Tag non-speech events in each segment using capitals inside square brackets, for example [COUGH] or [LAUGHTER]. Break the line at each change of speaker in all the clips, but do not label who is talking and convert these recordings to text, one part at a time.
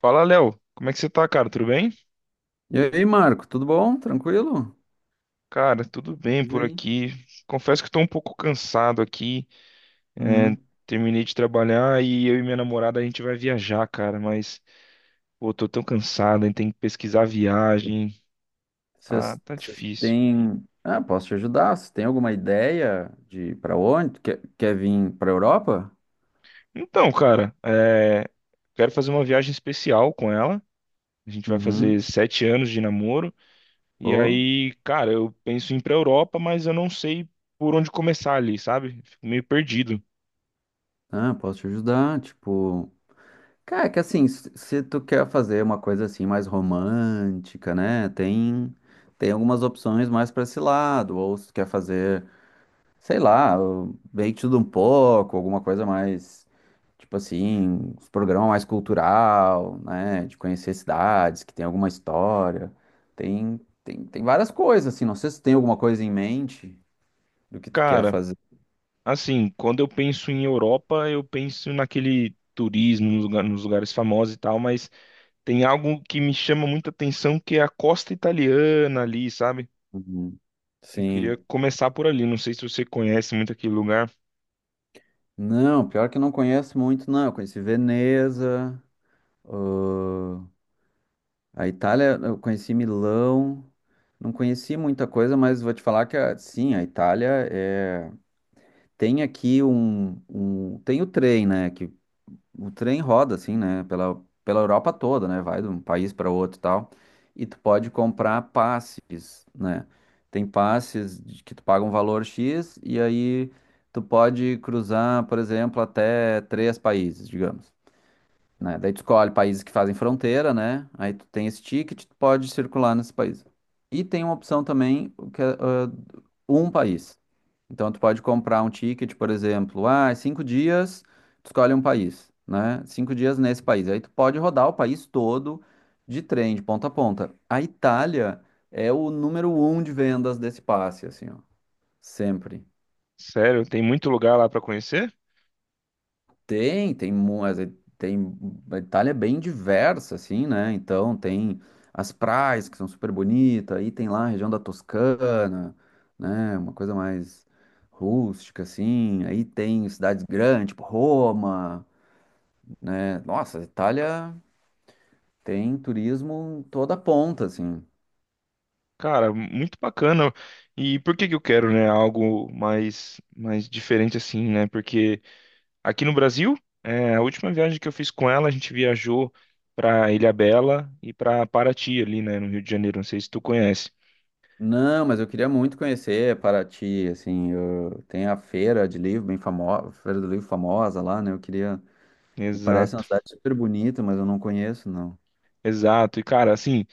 Fala, Léo. Como é que você tá, cara? Tudo bem?
E aí, Marco, tudo bom? Tranquilo?
Cara, tudo
Me
bem
diz
por
aí.
aqui. Confesso que tô um pouco cansado aqui. É,
Hum.
terminei de trabalhar e eu e minha namorada a gente vai viajar, cara. Mas, pô, tô tão cansado, hein? Tem que pesquisar a viagem. Ah,
Vocês
tá
vocês
difícil.
têm. Ah, posso te ajudar? Vocês têm alguma ideia de para onde? Quer vir para Europa?
Então, cara, é, quero fazer uma viagem especial com ela. A gente vai fazer
Uhum.
7 anos de namoro. E
Pô.
aí, cara, eu penso em ir pra Europa, mas eu não sei por onde começar ali, sabe? Fico meio perdido.
Ah, posso te ajudar. Tipo, cara, que assim, se tu quer fazer uma coisa assim mais romântica, né? Tem algumas opções mais para esse lado. Ou se tu quer fazer, sei lá, bem de tudo um pouco, alguma coisa mais. Tipo assim, os programas mais cultural, né? De conhecer cidades que tem alguma história. Tem, tem várias coisas, assim. Não sei se tem alguma coisa em mente do que tu quer
Cara,
fazer.
Assim, quando eu penso em Europa, eu penso naquele turismo, nos lugares famosos e tal, mas tem algo que me chama muita atenção que é a costa italiana ali, sabe?
Uhum.
Eu queria
Sim.
começar por ali, não sei se você conhece muito aquele lugar.
Não, pior que eu não conheço muito, não. Eu conheci Veneza, ah, a Itália, eu conheci Milão. Não conheci muita coisa, mas vou te falar que, sim, a Itália é. Tem aqui um, um- tem o trem, né, que o trem roda assim, né, pela Europa toda, né, vai de um país para outro e tal, e tu pode comprar passes, né, tem passes que tu paga um valor X e aí tu pode cruzar, por exemplo, até três países, digamos, né, daí tu escolhe países que fazem fronteira, né, aí tu tem esse ticket, tu pode circular nesse país. E tem uma opção também, o que é, um país. Então, tu pode comprar um ticket, por exemplo, 5 dias, tu escolhe um país, né? 5 dias nesse país. Aí tu pode rodar o país todo de trem, de ponta a ponta. A Itália é o número um de vendas desse passe, assim, ó, sempre.
Sério, tem muito lugar lá para conhecer?
Tem, a Itália é bem diversa, assim, né? Então tem as praias que são super bonitas, aí tem lá a região da Toscana, né? Uma coisa mais rústica, assim. Aí tem cidades grandes, tipo Roma, né? Nossa, a Itália tem turismo em toda ponta, assim.
Cara, muito bacana. E por que que eu quero, né, algo mais diferente assim, né? Porque aqui no Brasil. É, a última viagem que eu fiz com ela, a gente viajou para Ilhabela e para Paraty ali, né, no Rio de Janeiro. Não sei se tu conhece.
Não, mas eu queria muito conhecer Paraty, assim, tem a feira do livro famosa lá, né? Eu queria E parece uma
Exato,
cidade super bonita, mas eu não conheço, não.
exato. E cara, assim,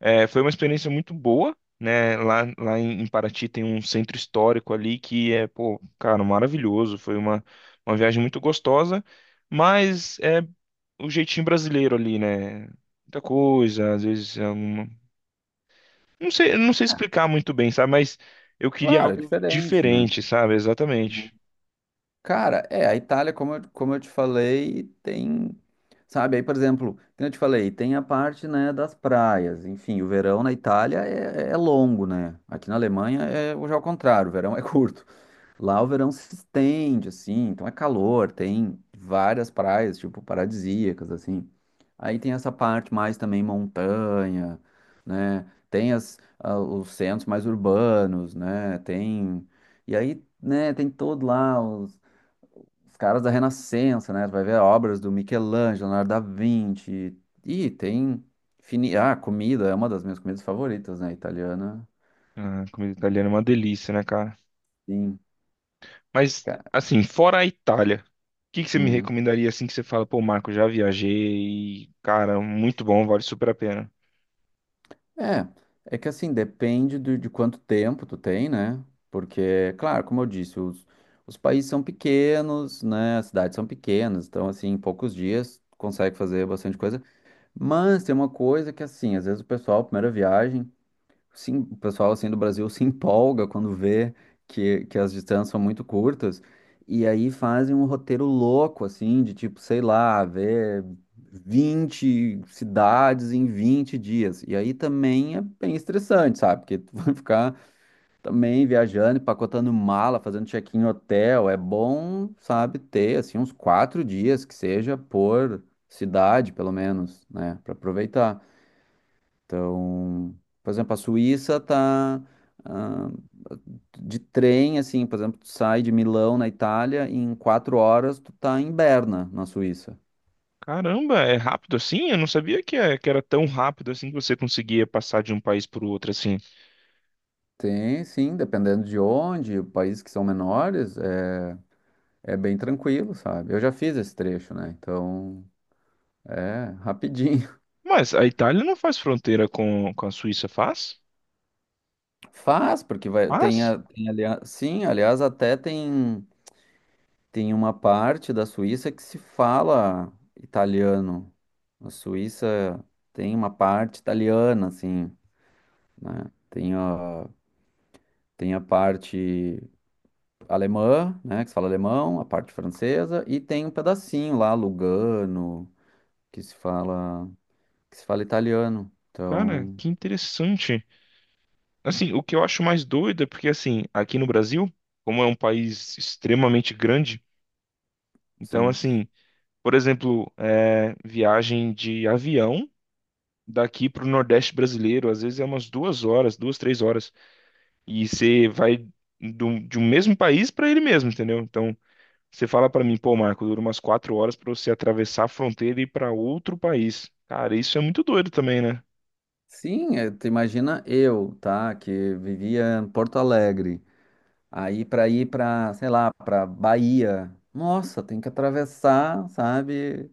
é, foi uma experiência muito boa, né? Lá em Paraty tem um centro histórico ali que é, pô, cara, maravilhoso. Uma viagem muito gostosa, mas é o jeitinho brasileiro ali, né? Muita coisa, às vezes é Não sei, eu não sei
Ah,
explicar muito bem, sabe? Mas eu queria
claro, é
algo
diferente, né?
diferente, sabe?
Sim.
Exatamente.
Cara, é, a Itália, como eu te falei, tem. Sabe, aí, por exemplo, como eu te falei, tem a parte, né, das praias. Enfim, o verão na Itália é longo, né? Aqui na Alemanha é já ao contrário, o verão é curto. Lá o verão se estende, assim, então é calor, tem várias praias, tipo, paradisíacas, assim. Aí tem essa parte mais também montanha, né? Tem os centros mais urbanos, né? Tem... E aí, né, tem todo lá os caras da Renascença, né? Tu vai ver obras do Michelangelo, Leonardo da Vinci. E tem... Ah, comida, é uma das minhas comidas favoritas, né? Italiana.
Ah, comida italiana é uma delícia, né, cara?
Sim.
Mas,
Ca-
assim, fora a Itália, o que que você me
hum.
recomendaria assim que você fala, pô, Marco, já viajei e, cara, muito bom, vale super a pena.
É, é que assim, depende de quanto tempo tu tem, né? Porque, claro, como eu disse, os países são pequenos, né? As cidades são pequenas, então, assim, em poucos dias consegue fazer bastante coisa. Mas tem uma coisa que, assim, às vezes o pessoal, primeira viagem. Sim, o pessoal assim do Brasil se empolga quando vê que as distâncias são muito curtas e aí fazem um roteiro louco assim, de tipo, sei lá, ver 20 cidades em 20 dias. E aí também é bem estressante, sabe? Porque tu [LAUGHS] vai ficar também viajando, empacotando mala, fazendo check-in em hotel. É bom, sabe, ter assim uns 4 dias que seja por cidade, pelo menos, né, para aproveitar. Então, por exemplo, a Suíça tá, ah, de trem, assim, por exemplo, tu sai de Milão, na Itália, e em 4 horas tu tá em Berna, na Suíça.
Caramba, é rápido assim? Eu não sabia que era tão rápido assim que você conseguia passar de um país para o outro assim.
Tem, sim, dependendo de onde, países que são menores, é, bem tranquilo, sabe? Eu já fiz esse trecho, né? Então, é rapidinho.
Mas a Itália não faz fronteira com a Suíça, faz?
[LAUGHS] Faz, porque vai, tem,
Faz?
tem aliás, sim, aliás, até tem. Tem uma parte da Suíça que se fala italiano. A Suíça tem uma parte italiana, assim, né? Tem a parte alemã, né, que se fala alemão, a parte francesa, e tem um pedacinho lá, Lugano, que se fala, que se fala italiano.
Cara,
Então,
que interessante. Assim, o que eu acho mais doido é porque, assim, aqui no Brasil, como é um país extremamente grande, então,
sim.
assim, por exemplo, é, viagem de avião daqui para o Nordeste brasileiro, às vezes é umas 2 horas, 2, 3 horas, e você vai de um mesmo país para ele mesmo, entendeu? Então, você fala para mim, pô, Marco, dura umas 4 horas para você atravessar a fronteira e ir para outro país. Cara, isso é muito doido também, né?
Sim, tu imagina eu, tá, que vivia em Porto Alegre. Aí para ir para, sei lá, para Bahia. Nossa, tem que atravessar, sabe?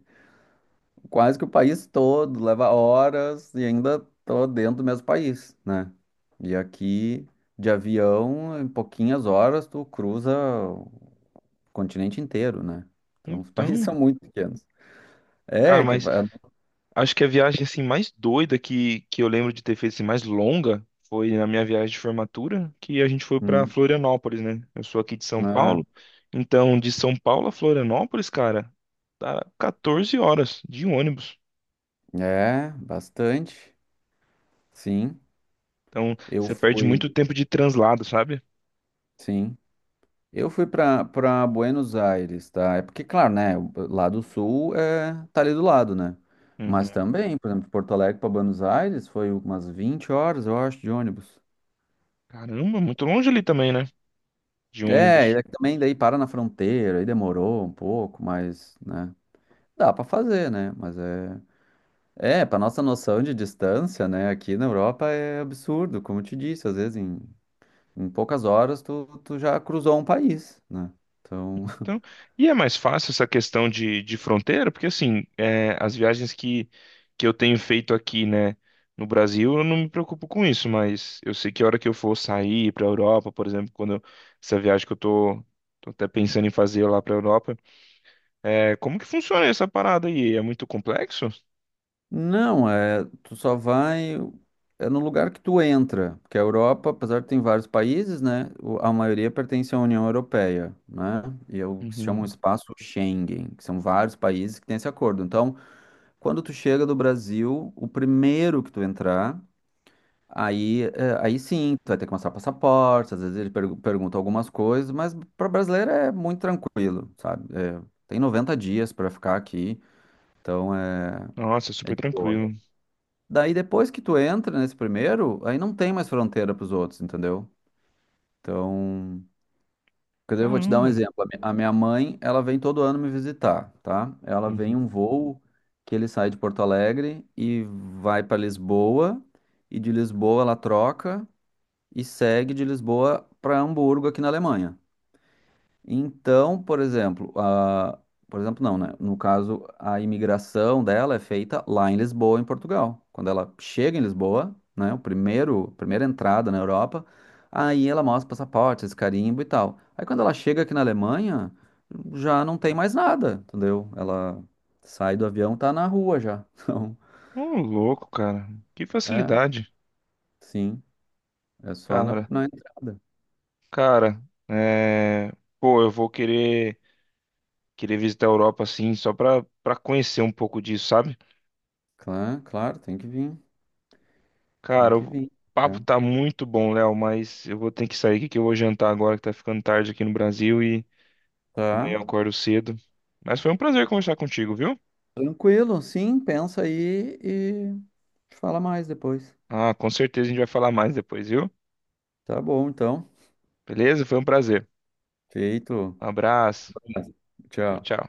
Quase que o país todo, leva horas e ainda tô dentro do mesmo país, né? E aqui de avião, em pouquinhas horas tu cruza o continente inteiro, né? Então os países [LAUGHS]
Então,
são muito pequenos.
cara,
É que
mas acho que a viagem assim mais doida que eu lembro de ter feito assim, mais longa foi na minha viagem de formatura, que a gente foi para
Hum.
Florianópolis, né? Eu sou aqui de São
Ah,
Paulo, então de São Paulo a Florianópolis, cara, dá 14 horas de ônibus.
é bastante. Sim,
Então
eu
você perde
fui,
muito tempo de translado, sabe?
sim. Eu fui pra para Buenos Aires, tá? É porque, claro, né? Lá do sul é, tá ali do lado, né? Mas
Uhum.
também, por exemplo, de Porto Alegre para Buenos Aires foi umas 20 horas, eu acho, de ônibus.
Caramba, muito longe ali também, né? De
É, e
ônibus.
daí também daí para na fronteira, aí demorou um pouco, mas, né? Dá pra fazer, né? Mas é. É, pra nossa noção de distância, né? Aqui na Europa é absurdo, como eu te disse, às vezes em poucas horas tu já cruzou um país, né? Então.
Então, e é mais fácil essa questão de fronteira, porque assim, é, as viagens que eu tenho feito aqui, né, no Brasil, eu não me preocupo com isso, mas eu sei que a hora que eu for sair para a Europa, por exemplo, essa viagem que eu tô até pensando em fazer lá para a Europa, é, como que funciona essa parada aí? É muito complexo?
Não, é, tu só vai é no lugar que tu entra, porque a Europa, apesar de ter vários países, né, a maioria pertence à União Europeia, né, e é o que se chama um
Uhum.
espaço Schengen, que são vários países que têm esse acordo. Então, quando tu chega do Brasil, o primeiro que tu entrar, aí, é, aí sim, tu vai ter que mostrar passaporte, às vezes ele pergunta algumas coisas, mas para brasileiro é muito tranquilo, sabe? É, tem 90 dias para ficar aqui, então é,
Nossa,
é
super
de boa.
tranquilo.
Daí depois que tu entra nesse primeiro, aí não tem mais fronteira pros outros, entendeu? Então, quer dizer, eu vou te dar um
Caramba.
exemplo. A minha mãe, ela vem todo ano me visitar, tá? Ela vem um
Uhum.
voo que ele sai de Porto Alegre e vai para Lisboa, e de Lisboa ela troca e segue de Lisboa para Hamburgo aqui na Alemanha. Então, por exemplo, não, né? No caso, a imigração dela é feita lá em Lisboa, em Portugal. Quando ela chega em Lisboa, né? Primeira entrada na Europa, aí ela mostra passaporte, esse carimbo e tal. Aí quando ela chega aqui na Alemanha, já não tem mais nada, entendeu? Ela sai do avião, tá na rua já. [LAUGHS]
Ô, louco, cara. Que
Então, é,
facilidade.
sim, é só na,
Cara,
na entrada.
cara, é... Pô, eu vou querer. Queria visitar a Europa assim, pra conhecer um pouco disso, sabe?
Claro, claro, tem que vir, tem
Cara,
que
o
vir.
papo
Já.
tá muito bom, Léo, mas eu vou ter que sair aqui que eu vou jantar agora que tá ficando tarde aqui no Brasil e amanhã
Tá.
eu acordo cedo. Mas foi um prazer conversar contigo, viu?
Tranquilo, sim, pensa aí e fala mais depois.
Ah, com certeza a gente vai falar mais depois, viu?
Tá bom, então.
Beleza? Foi um prazer.
Feito.
Um abraço. Tchau,
Tchau.
tchau.